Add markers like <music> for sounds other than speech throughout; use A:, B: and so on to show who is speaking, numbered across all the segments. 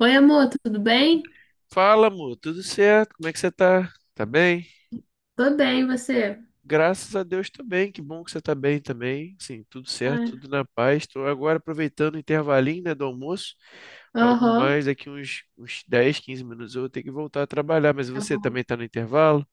A: Oi, amor, tudo bem?
B: Fala, amor, tudo certo? Como é que você tá? Tá bem?
A: Tô bem, e você?
B: Graças a Deus também, que bom que você tá bem também. Sim, tudo certo, tudo
A: Ah.
B: na paz. Estou agora aproveitando o intervalinho, né, do almoço. Logo
A: Aham.
B: mais, daqui uns 10, 15 minutos eu vou ter que voltar a trabalhar, mas
A: Tá
B: você também
A: bom.
B: tá no intervalo?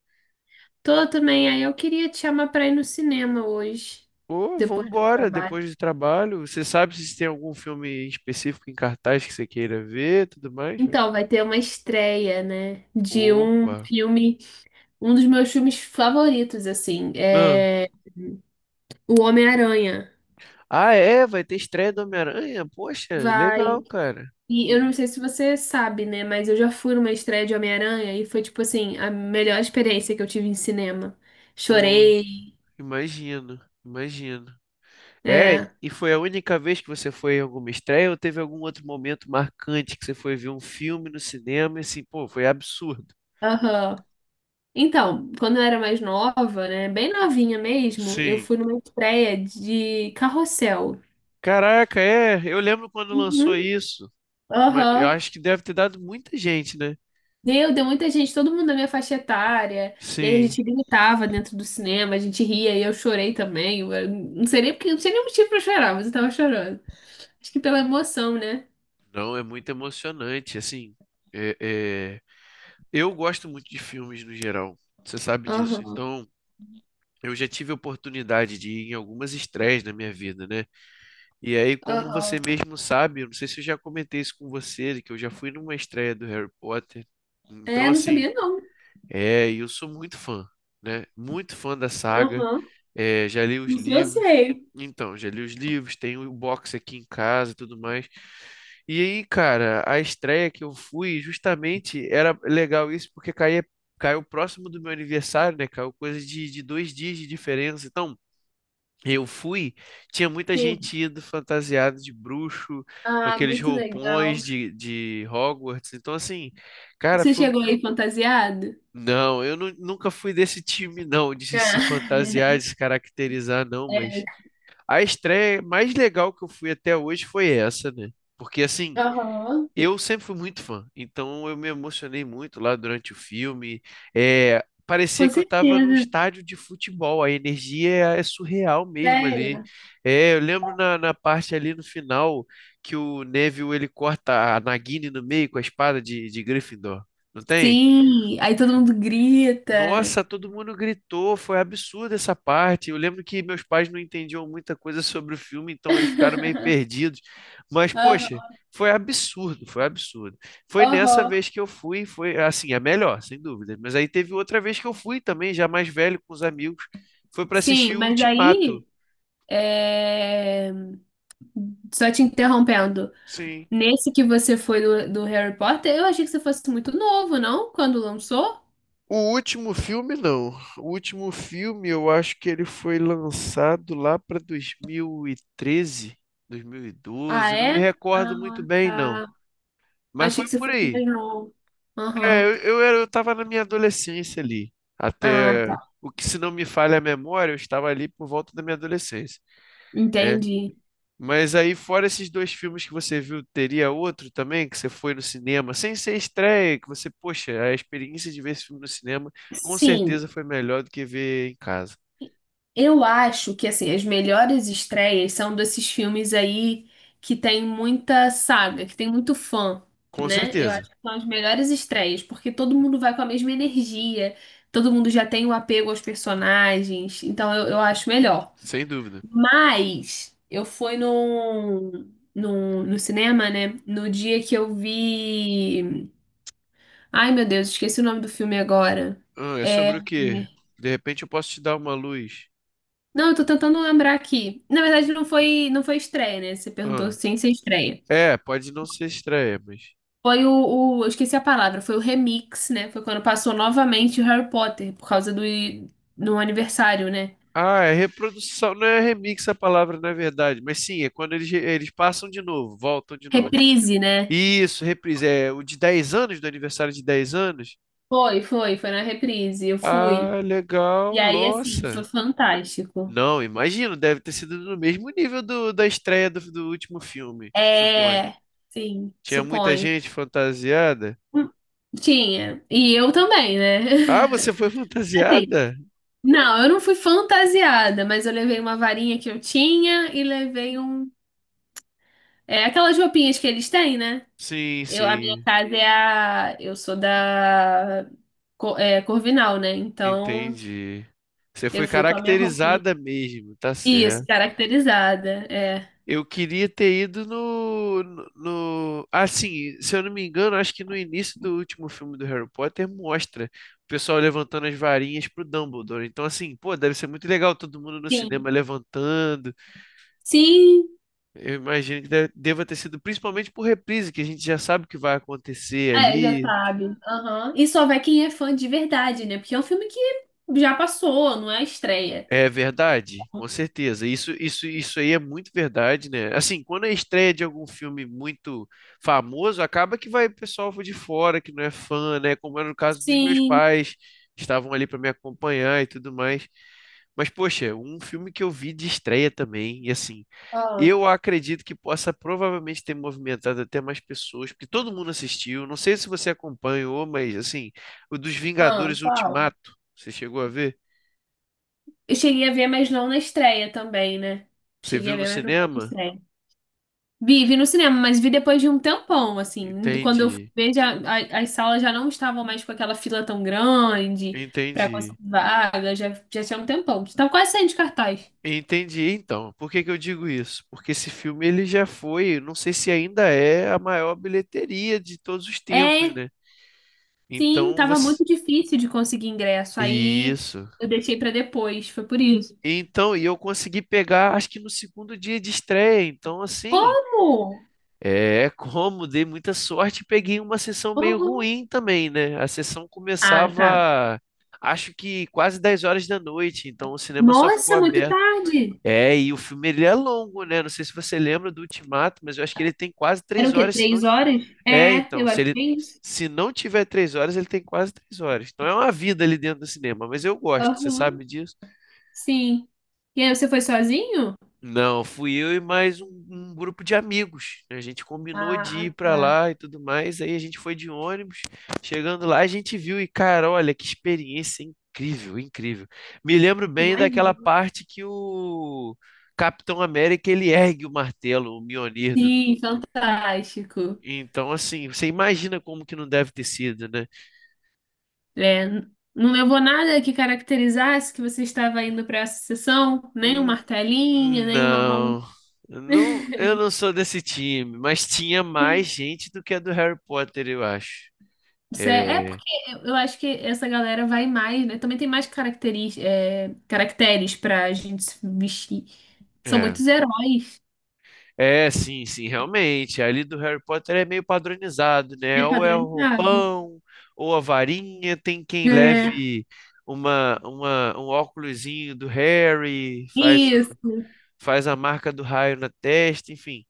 A: Tô também. Aí eu queria te chamar pra ir no cinema hoje,
B: Pô,
A: depois do
B: vambora,
A: trabalho.
B: depois do trabalho. Você sabe se tem algum filme específico em cartaz que você queira ver, tudo mais?
A: Então, vai ter uma estreia, né? De um
B: Opa.
A: filme, um dos meus filmes favoritos, assim,
B: Ah,
A: é O Homem-Aranha.
B: Ah, é, vai ter estreia do Homem-Aranha? Poxa, legal,
A: Vai.
B: cara.
A: E eu
B: E,
A: não sei se você sabe, né? Mas eu já fui numa estreia de Homem-Aranha e foi, tipo assim, a melhor experiência que eu tive em cinema.
B: pô,
A: Chorei,
B: Imagino, imagino. É,
A: é.
B: e foi a única vez que você foi em alguma estreia ou teve algum outro momento marcante que você foi ver um filme no cinema e assim, pô, foi absurdo.
A: Aham. Então, quando eu era mais nova, né, bem novinha mesmo, eu
B: Sim.
A: fui numa estreia de Carrossel.
B: Caraca, é, eu lembro quando lançou
A: Uhum.
B: isso. Eu
A: Aham.
B: acho que deve ter dado muita gente, né?
A: Meu, deu muita gente, todo mundo da minha faixa etária. E aí a
B: Sim.
A: gente gritava dentro do cinema, a gente ria e eu chorei também. Eu não sei nem porque, não sei nem o motivo pra chorar, mas eu tava chorando. Acho que pela emoção, né?
B: Não, é muito emocionante, assim. é- é, Eu gosto muito de filmes no geral, você sabe disso.
A: Aham.
B: Então, eu já tive a oportunidade de ir em algumas estreias na minha vida, né? E aí, como você
A: Aham.
B: mesmo sabe, eu não sei se eu já comentei isso com você, que eu já fui numa estreia do Harry Potter. Então,
A: É, não
B: assim,
A: sabia não.
B: é, e eu sou muito fã, né? Muito fã da saga.
A: Aham.
B: É, já li os
A: Isso eu
B: livros.
A: sei.
B: Então, já li os livros, tenho o box aqui em casa e tudo mais. E aí, cara, a estreia que eu fui, justamente, era legal isso, porque caiu próximo do meu aniversário, né? Caiu coisa de dois dias de diferença. Então, eu fui, tinha muita
A: Sim.
B: gente indo fantasiada de bruxo, com
A: Ah,
B: aqueles
A: muito legal.
B: roupões de Hogwarts. Então, assim, cara,
A: Você
B: foi.
A: chegou aí fantasiado?
B: Não, eu nunca fui desse time, não, de se fantasiar,
A: Ah.
B: de se caracterizar, não.
A: <laughs>
B: Mas a estreia mais legal que eu fui até hoje foi essa, né? Porque, assim,
A: Aham.
B: eu sempre fui muito fã, então eu me emocionei muito lá durante o filme. É, parecia
A: Com
B: que eu estava num
A: certeza.
B: estádio de futebol, a energia é surreal mesmo ali.
A: Sério?
B: É, eu lembro na parte ali no final que o Neville ele corta a Nagini no meio com a espada de Gryffindor, não tem?
A: Sim, aí todo mundo grita.
B: Nossa, todo mundo gritou, foi absurda essa parte. Eu lembro que meus pais não entendiam muita coisa sobre o filme, então eles ficaram meio
A: <laughs>
B: perdidos. Mas, poxa,
A: Aham.
B: foi absurdo, foi absurdo. Foi nessa
A: Aham.
B: vez que eu fui, foi assim, a melhor, sem dúvida. Mas aí teve outra vez que eu fui também, já mais velho, com os amigos, foi para
A: Sim,
B: assistir o
A: mas
B: Ultimato.
A: aí, é, só te interrompendo,
B: Sim.
A: nesse que você foi do Harry Potter, eu achei que você fosse muito novo, não? Quando lançou?
B: O último filme, não. O último filme, eu acho que ele foi lançado lá para 2013,
A: Ah,
B: 2012. Eu Não me
A: é?
B: recordo muito
A: Ah,
B: bem, não.
A: tá.
B: Mas
A: Achei
B: foi
A: que você
B: por
A: fosse mais
B: aí.
A: novo.
B: É,
A: Aham.
B: eu estava na minha adolescência ali.
A: Ah,
B: Até
A: tá.
B: o que, se não me falha a memória, eu estava ali por volta da minha adolescência. É,
A: Entendi.
B: mas aí, fora esses dois filmes que você viu, teria outro também que você foi no cinema, sem ser estreia, que você, poxa, a experiência de ver esse filme no cinema com
A: Sim.
B: certeza foi melhor do que ver em casa.
A: Eu acho que assim, as melhores estreias são desses filmes aí que tem muita saga, que tem muito fã,
B: Com
A: né? Eu
B: certeza,
A: acho que são as melhores estreias, porque todo mundo vai com a mesma energia, todo mundo já tem o apego aos personagens, então eu acho melhor.
B: sem dúvida.
A: Mas eu fui no cinema, né? No dia que eu vi. Ai, meu Deus, esqueci o nome do filme agora.
B: Ah, é
A: É.
B: sobre o quê? De repente eu posso te dar uma luz.
A: Não, eu tô tentando lembrar aqui. Na verdade, não foi, não foi estreia, né? Você perguntou
B: Ah,
A: sem ser estreia.
B: é, pode não ser estreia, mas.
A: Foi o, eu esqueci a palavra, foi o remix, né? Foi quando passou novamente o Harry Potter, por causa do aniversário, né?
B: Ah, é reprodução, não é remix a palavra, na verdade, mas sim, é quando eles, eles passam de novo, voltam de novo.
A: Reprise, né?
B: Isso, reprise, é o de 10 anos, do aniversário de 10 anos.
A: Foi, foi, foi na reprise. Eu fui.
B: Ah,
A: E
B: legal,
A: aí, assim, foi
B: nossa.
A: fantástico.
B: Não, imagino, deve ter sido no mesmo nível do, da estreia do, do último filme, suponho.
A: É, sim,
B: Tinha muita
A: suponho.
B: gente fantasiada.
A: Hum. Tinha. E eu também, né?
B: Ah, você foi <laughs>
A: <laughs> Assim,
B: fantasiada?
A: não, eu não fui fantasiada, mas eu levei uma varinha que eu tinha e levei um É aquelas roupinhas que eles têm, né?
B: Sim,
A: Eu, a minha
B: sim,
A: casa é a. Eu sou da Corvinal, né? Então
B: entendi. Você
A: eu
B: foi
A: fui com a minha roupinha.
B: caracterizada mesmo, tá
A: Isso,
B: certo.
A: caracterizada. É.
B: Eu queria ter ido Assim, se eu não me engano, acho que no início do último filme do Harry Potter mostra o pessoal levantando as varinhas pro Dumbledore. Então, assim, pô, deve ser muito legal todo mundo no
A: Sim.
B: cinema levantando.
A: Sim.
B: Eu imagino que deva ter sido, principalmente por reprise, que a gente já sabe o que vai acontecer
A: É, já
B: ali.
A: sabe. Aham. E só vai quem é fã de verdade, né? Porque é um filme que já passou, não é a estreia.
B: É verdade, com certeza. Isso aí é muito verdade, né? Assim, quando é estreia de algum filme muito famoso, acaba que vai pessoal de fora que não é fã, né? Como era no caso dos meus
A: Sim.
B: pais, que estavam ali para me acompanhar e tudo mais. Mas, poxa, um filme que eu vi de estreia também, e assim,
A: Ah,
B: eu acredito que possa provavelmente ter movimentado até mais pessoas, porque todo mundo assistiu. Não sei se você acompanhou, mas assim, o dos
A: ah,
B: Vingadores
A: qual?
B: Ultimato, você chegou a ver?
A: Eu cheguei a ver, mas não na estreia também, né?
B: Você
A: Cheguei a
B: viu no
A: ver, mas não foi na
B: cinema?
A: estreia. Vi, vi no cinema, mas vi depois de um tempão, assim. Quando eu fui
B: Entendi,
A: ver, já, as salas já não estavam mais com aquela fila tão grande pra
B: entendi,
A: conseguir vaga, já, já tinha um tempão. Tava quase saindo de cartaz.
B: entendi. Então, por que que eu digo isso? Porque esse filme ele já foi, não sei se ainda é a maior bilheteria de todos os tempos,
A: É,
B: né?
A: sim,
B: Então
A: tava
B: você,
A: muito difícil de conseguir ingresso, aí
B: isso.
A: eu deixei pra depois, foi por isso.
B: Então, e eu consegui pegar, acho que no segundo dia de estreia. Então, assim,
A: Como?
B: é como dei muita sorte, e peguei uma sessão meio
A: Como?
B: ruim também, né? A sessão
A: Ah, tá.
B: começava, acho que quase 10 horas da noite. Então, o cinema só ficou
A: Nossa, muito
B: aberto.
A: tarde.
B: É, e o filme ele é longo, né? Não sei se você lembra do Ultimato, mas eu acho que ele tem quase
A: Eram
B: três
A: o quê?
B: horas, se não.
A: 3 horas?
B: É,
A: É,
B: então,
A: eu
B: se
A: acho
B: ele
A: que é isso.
B: se não tiver 3 horas, ele tem quase três horas. Então é uma vida ali dentro do cinema, mas eu gosto, você
A: Aham,
B: sabe disso?
A: sim. E aí, você foi sozinho?
B: Não, fui eu e mais um grupo de amigos. A gente combinou de
A: Ah,
B: ir pra
A: tá.
B: lá e tudo mais. Aí a gente foi de ônibus. Chegando lá, a gente viu e, cara, olha que experiência incrível, incrível. Me lembro bem daquela
A: Imagino.
B: parte que o Capitão América ele ergue o martelo, o Mjolnir do...
A: Sim, fantástico.
B: Então, assim, você imagina como que não deve ter sido, né?
A: É, não levou nada que caracterizasse que você estava indo para essa sessão, nem um
B: Hum,
A: martelinho, nem uma mão.
B: Não, não,
A: <laughs>
B: eu não sou desse time, mas tinha mais gente do que a do Harry Potter, eu acho.
A: Isso É
B: É,
A: porque eu acho que essa galera vai mais, né? Também tem mais caracteres pra gente se vestir. São
B: É.
A: muitos heróis.
B: É, sim, sim, realmente. Ali do Harry Potter é meio padronizado, né?
A: É
B: Ou é o
A: padronizado.
B: roupão, ou a varinha, tem quem
A: É,
B: leve um óculosinho do Harry, faz,
A: isso.
B: faz a marca do raio na testa, enfim.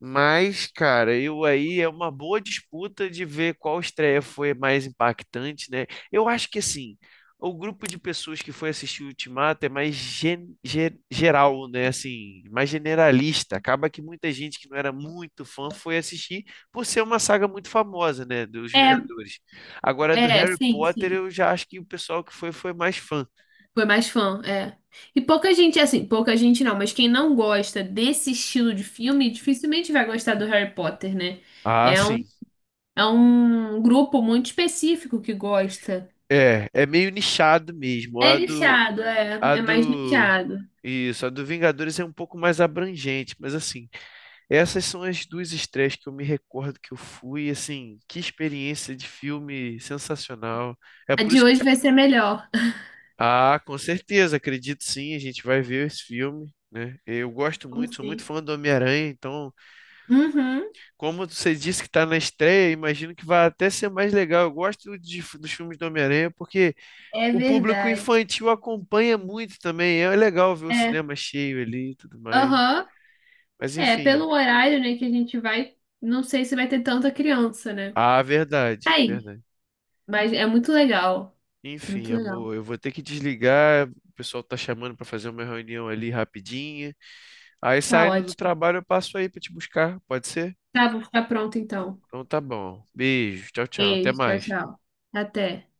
B: Mas, cara, eu aí é uma boa disputa de ver qual estreia foi mais impactante, né? Eu acho que assim, o grupo de pessoas que foi assistir o Ultimato é mais geral, né? Assim, mais generalista. Acaba que muita gente que não era muito fã foi assistir por ser uma saga muito famosa, né? Dos
A: É,
B: Vingadores. Agora, do Harry
A: sim,
B: Potter,
A: sim.
B: eu já acho que o pessoal que foi mais fã.
A: Foi mais fã, é. E pouca gente, assim, pouca gente não, mas quem não gosta desse estilo de filme dificilmente vai gostar do Harry Potter, né?
B: Ah,
A: É um,
B: sim.
A: é um grupo muito específico que gosta.
B: É, é meio nichado mesmo.
A: É nichado, é.
B: A
A: É mais
B: do
A: nichado.
B: Isso, a do Vingadores é um pouco mais abrangente, mas assim, essas são as duas estreias que eu me recordo que eu fui, assim, que experiência de filme sensacional. É
A: A
B: por
A: de
B: isso que...
A: hoje vai ser melhor.
B: Ah, com certeza, acredito sim, a gente vai ver esse filme, né? Eu gosto
A: Como
B: muito, sou muito
A: assim?
B: fã do Homem-Aranha, então,
A: Uhum,
B: como você disse que está na estreia, imagino que vai até ser mais legal. Eu gosto dos filmes do Homem-Aranha porque
A: é
B: o público
A: verdade.
B: infantil acompanha muito também, é legal ver o
A: É.
B: cinema cheio ali e tudo mais.
A: Aham.
B: Mas
A: É,
B: enfim.
A: pelo horário, né, que a gente vai, não sei se vai ter tanta criança, né?
B: Ah, verdade,
A: Aí,
B: verdade.
A: mas é muito legal.
B: Enfim,
A: Muito legal.
B: amor, eu vou ter que desligar. O pessoal tá chamando pra fazer uma reunião ali rapidinha. Aí
A: Tá
B: saindo do
A: ótimo.
B: trabalho eu passo aí pra te buscar, pode ser?
A: Tá, vou ficar pronto então.
B: Então tá bom. Beijo, tchau, tchau. Até
A: Beijo, tchau,
B: mais.
A: tchau. Até.